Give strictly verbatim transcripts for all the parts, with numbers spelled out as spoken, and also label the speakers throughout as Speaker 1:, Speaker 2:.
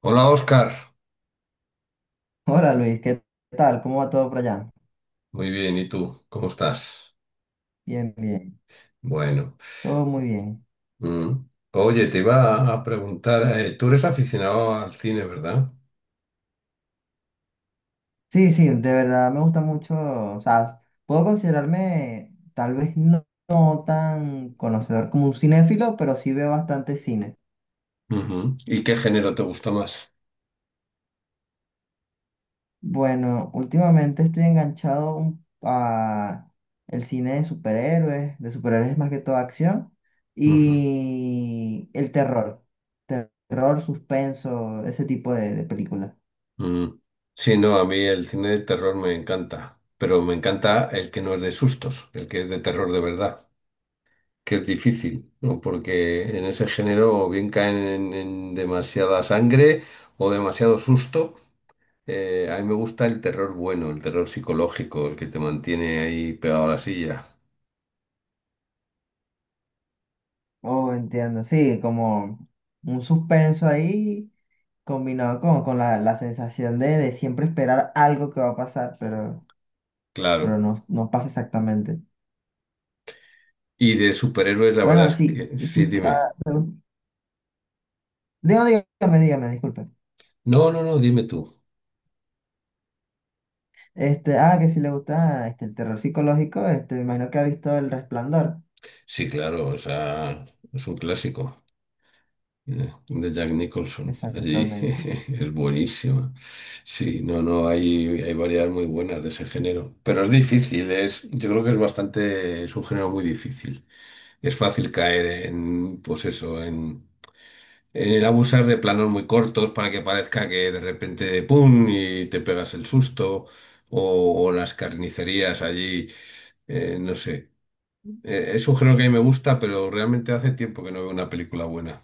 Speaker 1: Hola Oscar,
Speaker 2: Hola Luis, ¿qué tal? ¿Cómo va todo por allá?
Speaker 1: muy bien, ¿y tú? ¿Cómo estás?
Speaker 2: Bien, bien,
Speaker 1: Bueno,
Speaker 2: todo muy bien.
Speaker 1: mm. Oye, te iba a preguntar, eh, tú eres aficionado al cine, ¿verdad?
Speaker 2: Sí, sí, de verdad me gusta mucho, o sea, puedo considerarme tal vez no, no tan conocedor como un cinéfilo, pero sí veo bastante cine.
Speaker 1: Ujú. ¿Y qué género te gusta más?
Speaker 2: Bueno, últimamente estoy enganchado un- a el cine de superhéroes, de superhéroes más que todo acción,
Speaker 1: Ujú.
Speaker 2: y el terror, terror, suspenso, ese tipo de, de películas.
Speaker 1: Mm. Sí, no, a mí el cine de terror me encanta, pero me encanta el que no es de sustos, el que es de terror de verdad, que es difícil, ¿no? Porque en ese género o bien caen en, en demasiada sangre o demasiado susto. Eh, a mí me gusta el terror bueno, el terror psicológico, el que te mantiene ahí pegado a la silla.
Speaker 2: Oh, entiendo. Sí, como un suspenso ahí combinado con, con la, la sensación de, de siempre esperar algo que va a pasar, pero, pero
Speaker 1: Claro.
Speaker 2: no, no pasa exactamente.
Speaker 1: Y de superhéroes, la verdad
Speaker 2: Bueno,
Speaker 1: es
Speaker 2: sí,
Speaker 1: que sí,
Speaker 2: sí.
Speaker 1: dime.
Speaker 2: ah, Digo, dígame, dígame, disculpe.
Speaker 1: No, no, no, dime tú.
Speaker 2: Este, ah, que si le gusta este, el terror psicológico, este, me imagino que ha visto El Resplandor.
Speaker 1: Sí, claro, o sea, es un clásico eh, de Jack Nicholson. Allí
Speaker 2: Exactamente.
Speaker 1: es buenísima. Sí, no, no, hay, hay variedades muy buenas de ese género. Pero es difícil, es, yo creo que es bastante, es un género muy difícil. Es fácil caer en, pues eso, en el abusar de planos muy cortos para que parezca que de repente, ¡pum! Y te pegas el susto. O, o las carnicerías allí, eh, no sé. Eh, es un género que a mí me gusta, pero realmente hace tiempo que no veo una película buena.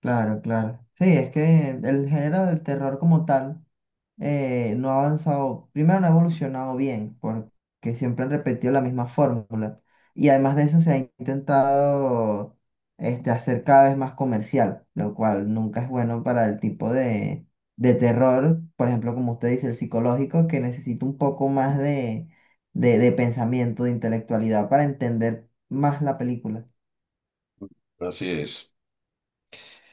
Speaker 2: Claro, claro. Sí, es que el género del terror como tal eh, no ha avanzado, primero no ha evolucionado bien, porque siempre han repetido la misma fórmula. Y además de eso se ha intentado este, hacer cada vez más comercial, lo cual nunca es bueno para el tipo de, de terror, por ejemplo, como usted dice, el psicológico, que necesita un poco más de, de de pensamiento, de intelectualidad para entender más la película.
Speaker 1: Así es.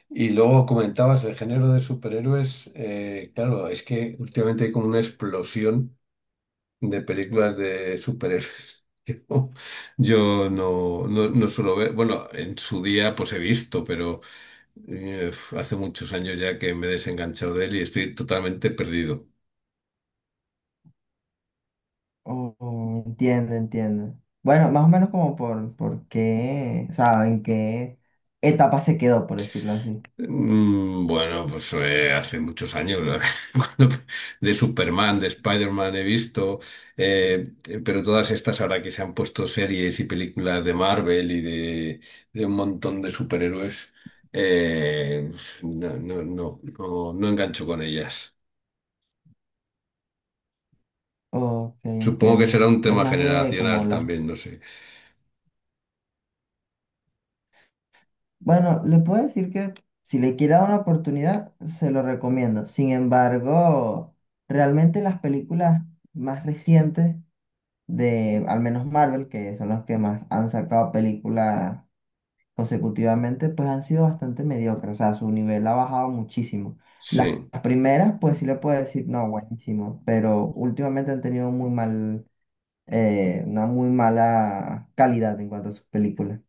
Speaker 1: Y luego comentabas el género de superhéroes. Eh, claro, es que últimamente hay como una explosión de películas de superhéroes. Yo yo no, no, no suelo ver, bueno, en su día pues he visto, pero… Eh, uf, hace muchos años ya que me he desenganchado de él y estoy totalmente perdido.
Speaker 2: Oh, entiendo, entiendo. Bueno, más o menos como por, por qué, o sea, en qué etapa se quedó, por decirlo así.
Speaker 1: Mm, Bueno, pues eh, hace muchos años, la verdad, cuando- de Superman, de Spider-Man he visto, eh, eh, pero todas estas ahora que se han puesto series y películas de Marvel y de, de un montón de superhéroes, eh, no, no, no, no, no engancho con ellas.
Speaker 2: Ok,
Speaker 1: Supongo que será
Speaker 2: entiendo.
Speaker 1: un
Speaker 2: Es
Speaker 1: tema
Speaker 2: más de
Speaker 1: generacional
Speaker 2: como la...
Speaker 1: también, no sé.
Speaker 2: Bueno, le puedo decir que si le quiere dar una oportunidad, se lo recomiendo. Sin embargo, realmente las películas más recientes de, al menos Marvel, que son las que más han sacado películas consecutivamente, pues han sido bastante mediocres, o sea, su nivel ha bajado muchísimo. Las
Speaker 1: Sí.
Speaker 2: primeras, pues sí le puedo decir, no, buenísimo, pero últimamente han tenido muy mal, eh, una muy mala calidad en cuanto a sus películas.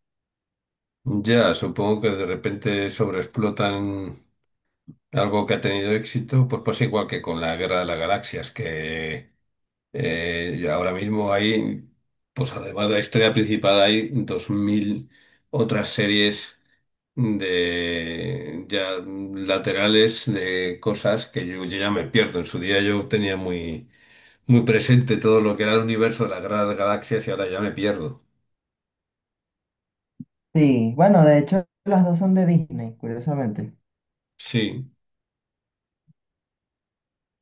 Speaker 1: Ya, supongo que de repente sobreexplotan algo que ha tenido éxito, pues pasa igual que con la Guerra de las Galaxias, que eh, y ahora mismo hay, pues además de la historia principal, hay dos mil otras series de ya laterales de cosas que yo, yo ya me pierdo. En su día yo tenía muy, muy presente todo lo que era el universo de las Guerra de las Galaxias y ahora ya me pierdo.
Speaker 2: Sí, bueno, de hecho, las dos son de Disney, curiosamente,
Speaker 1: Sí,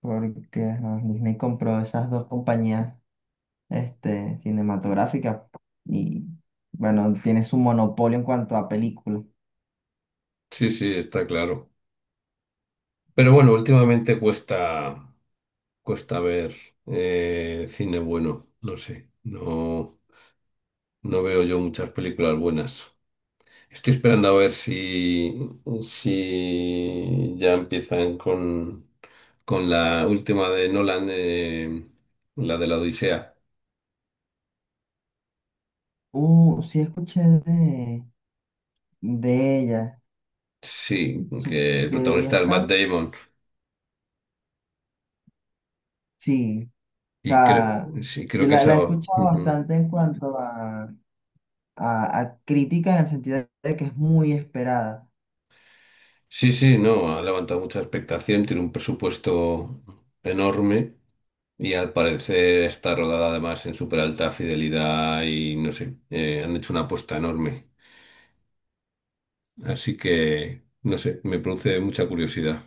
Speaker 2: porque ajá, Disney compró esas dos compañías, este, cinematográficas y, bueno, tiene su monopolio en cuanto a películas.
Speaker 1: sí, sí, está claro. Pero bueno, últimamente cuesta, cuesta ver eh, cine bueno, no sé, no, no veo yo muchas películas buenas. Estoy esperando a ver si, si ya empiezan con, con la última de Nolan, eh, la de la Odisea.
Speaker 2: Uh, sí escuché de, de ella.
Speaker 1: Sí,
Speaker 2: su-
Speaker 1: que el
Speaker 2: Debería
Speaker 1: protagonista es Matt
Speaker 2: estar,
Speaker 1: Damon.
Speaker 2: sí, o
Speaker 1: Y
Speaker 2: sea,
Speaker 1: cre- sí, creo
Speaker 2: yo
Speaker 1: que
Speaker 2: la,
Speaker 1: esa.
Speaker 2: la he escuchado
Speaker 1: Ujú.
Speaker 2: bastante en cuanto a, a, a crítica en el sentido de que es muy esperada.
Speaker 1: Sí, sí, no, ha levantado mucha expectación, tiene un presupuesto enorme y al parecer está rodada además en súper alta fidelidad y no sé, eh, han hecho una apuesta enorme. Así que, no sé, me produce mucha curiosidad.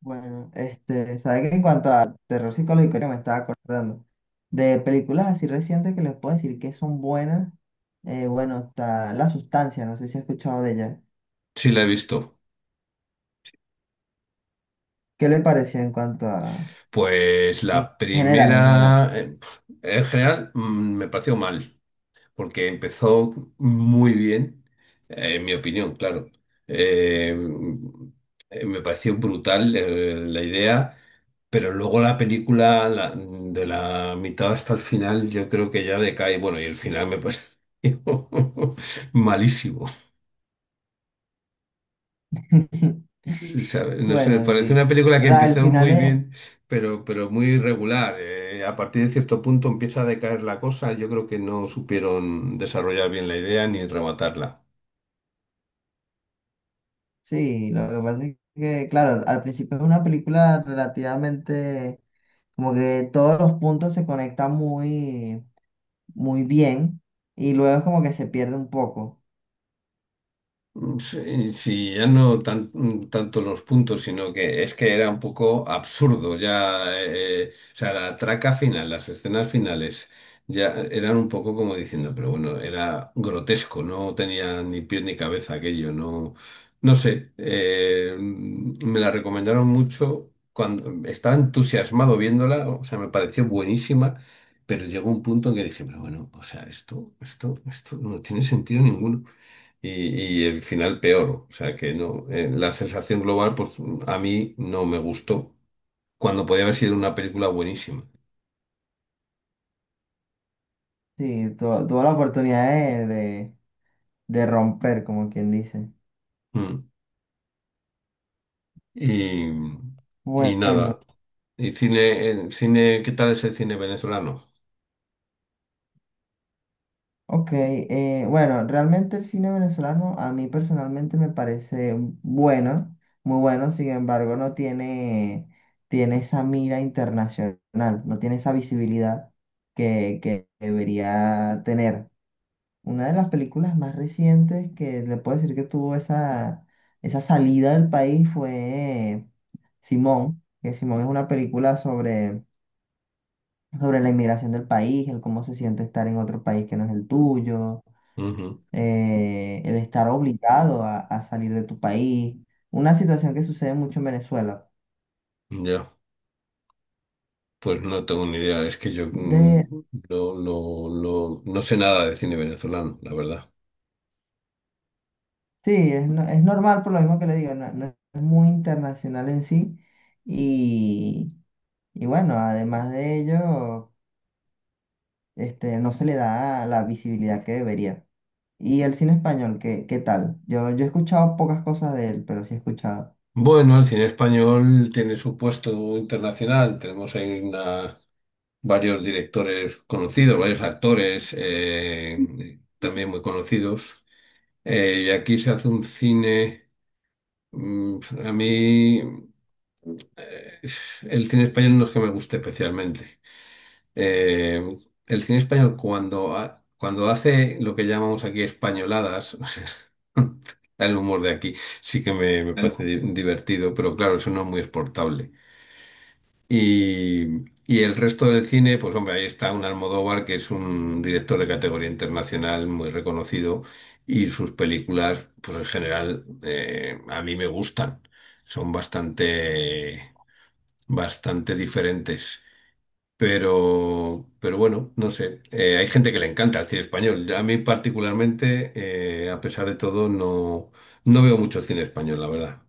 Speaker 2: Bueno, este, sabes que en cuanto a terror psicológico, ahorita me estaba acordando de películas así recientes que les puedo decir que son buenas. Eh, bueno, está La Sustancia, no sé si has escuchado de ella.
Speaker 1: Sí, la he visto.
Speaker 2: ¿Qué le pareció en cuanto a,
Speaker 1: Pues
Speaker 2: en
Speaker 1: la
Speaker 2: general, en general?
Speaker 1: primera, eh, en general, mm, me pareció mal. Porque empezó muy bien, eh, en mi opinión, claro. Eh, eh, Me pareció brutal, eh, la idea, pero luego la película, la- de la mitad hasta el final, yo creo que ya decae. Bueno, y el final me pareció malísimo. O sea, no sé, me
Speaker 2: Bueno,
Speaker 1: parece una
Speaker 2: sí.
Speaker 1: película
Speaker 2: O
Speaker 1: que
Speaker 2: sea, el
Speaker 1: empezó
Speaker 2: final
Speaker 1: muy
Speaker 2: es,
Speaker 1: bien, pero, pero muy irregular. Eh, a partir de cierto punto empieza a decaer la cosa. Yo creo que no supieron desarrollar bien la idea ni rematarla.
Speaker 2: sí, lo que pasa es que, claro, al principio es una película relativamente, como que todos los puntos se conectan muy, muy bien y luego es como que se pierde un poco.
Speaker 1: Mm, Sí, sí, ya no tan- mm, tanto los puntos, sino que es que era un poco absurdo ya, eh, eh, o sea, la traca final, las escenas finales, ya eran un poco como diciendo, pero bueno, era grotesco, no tenía ni pie ni cabeza aquello, no, no sé, eh, mm, me la recomendaron mucho, cuando estaba entusiasmado viéndola, o sea, me pareció buenísima, pero llegó un punto en que dije, pero bueno, o sea, esto, esto, esto no tiene sentido ninguno y, y el final peor. O sea que no, eh, la sensación global, pues a mí no me gustó, cuando podía haber sido una película buenísima.
Speaker 2: Sí, tu- tuvo la oportunidad de, de, de romper, como quien dice.
Speaker 1: Mm. Y, y
Speaker 2: Bueno,
Speaker 1: nada. ¿Y cine, eh, cine, qué tal es el cine venezolano?
Speaker 2: ok, eh, bueno, realmente el cine venezolano a mí personalmente me parece bueno, muy bueno, sin embargo no tiene, tiene esa mira internacional, no tiene esa visibilidad que, que debería tener. Una de las películas más recientes que le puedo decir que tuvo esa, esa salida del país fue Simón, que Simón es una película sobre, sobre la inmigración del país, el cómo se siente estar en otro país que no es el tuyo.
Speaker 1: Ujú.
Speaker 2: Eh, el estar obligado a, a salir de tu país, una situación que sucede mucho en Venezuela.
Speaker 1: Ya, pues no tengo ni idea. Es que yo
Speaker 2: De,
Speaker 1: mm, no, no, no, no sé nada de cine venezolano, la verdad.
Speaker 2: sí, es, no- es normal por lo mismo que le digo, no, no es muy internacional en sí y, y bueno, además de ello, este, no se le da la visibilidad que debería. ¿Y el cine español, qué, qué tal? Yo, yo he escuchado pocas cosas de él, pero sí he escuchado.
Speaker 1: Bueno, el cine español tiene su puesto internacional. Tenemos ahí una, varios directores conocidos, varios actores eh, también muy conocidos. Eh, y aquí se hace un cine, mm, a mí eh, el cine español no es que me guste especialmente. Eh, el cine español cuando, ha- cuando hace lo que llamamos aquí españoladas, o sea, el humor de aquí sí que me, me parece di- divertido, pero claro, eso no es muy exportable. Y, y el resto del cine, pues hombre, ahí está un Almodóvar, que es un director de categoría internacional muy reconocido, y sus películas, pues en general, eh, a mí me gustan. Son bastante, bastante diferentes. Pero, pero bueno, no sé. Eh, hay gente que le encanta el cine español. A mí particularmente, eh, a pesar de todo, no, no veo mucho cine español, la verdad.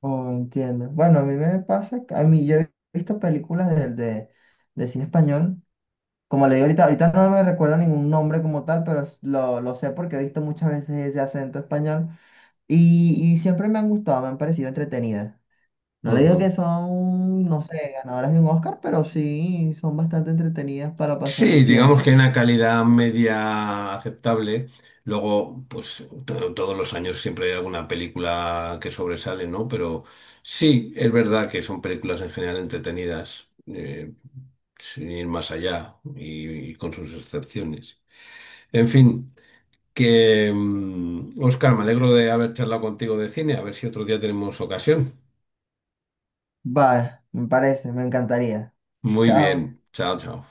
Speaker 2: Oh, entiendo. Bueno, a mí me pasa, que- a mí yo he visto películas de, de, de cine español. Como le digo ahorita, ahorita no me recuerdo ningún nombre como tal, pero s- lo, lo sé porque he visto muchas veces ese acento español y, y siempre me han gustado, me han parecido entretenidas. No le digo que
Speaker 1: Ujú.
Speaker 2: son, no sé, ganadoras de un Oscar, pero sí son bastante entretenidas para pasar
Speaker 1: Sí,
Speaker 2: el
Speaker 1: digamos que hay
Speaker 2: tiempo.
Speaker 1: una calidad media aceptable. Luego, pues to- todos los años siempre hay alguna película que sobresale, ¿no? Pero sí, es verdad que son películas en general entretenidas, eh, sin ir más allá y, y con sus excepciones. En fin, que Oscar, me alegro de haber charlado contigo de cine. A ver si otro día tenemos ocasión.
Speaker 2: Va, me parece, me encantaría.
Speaker 1: Muy
Speaker 2: Chao.
Speaker 1: bien, chao, chao.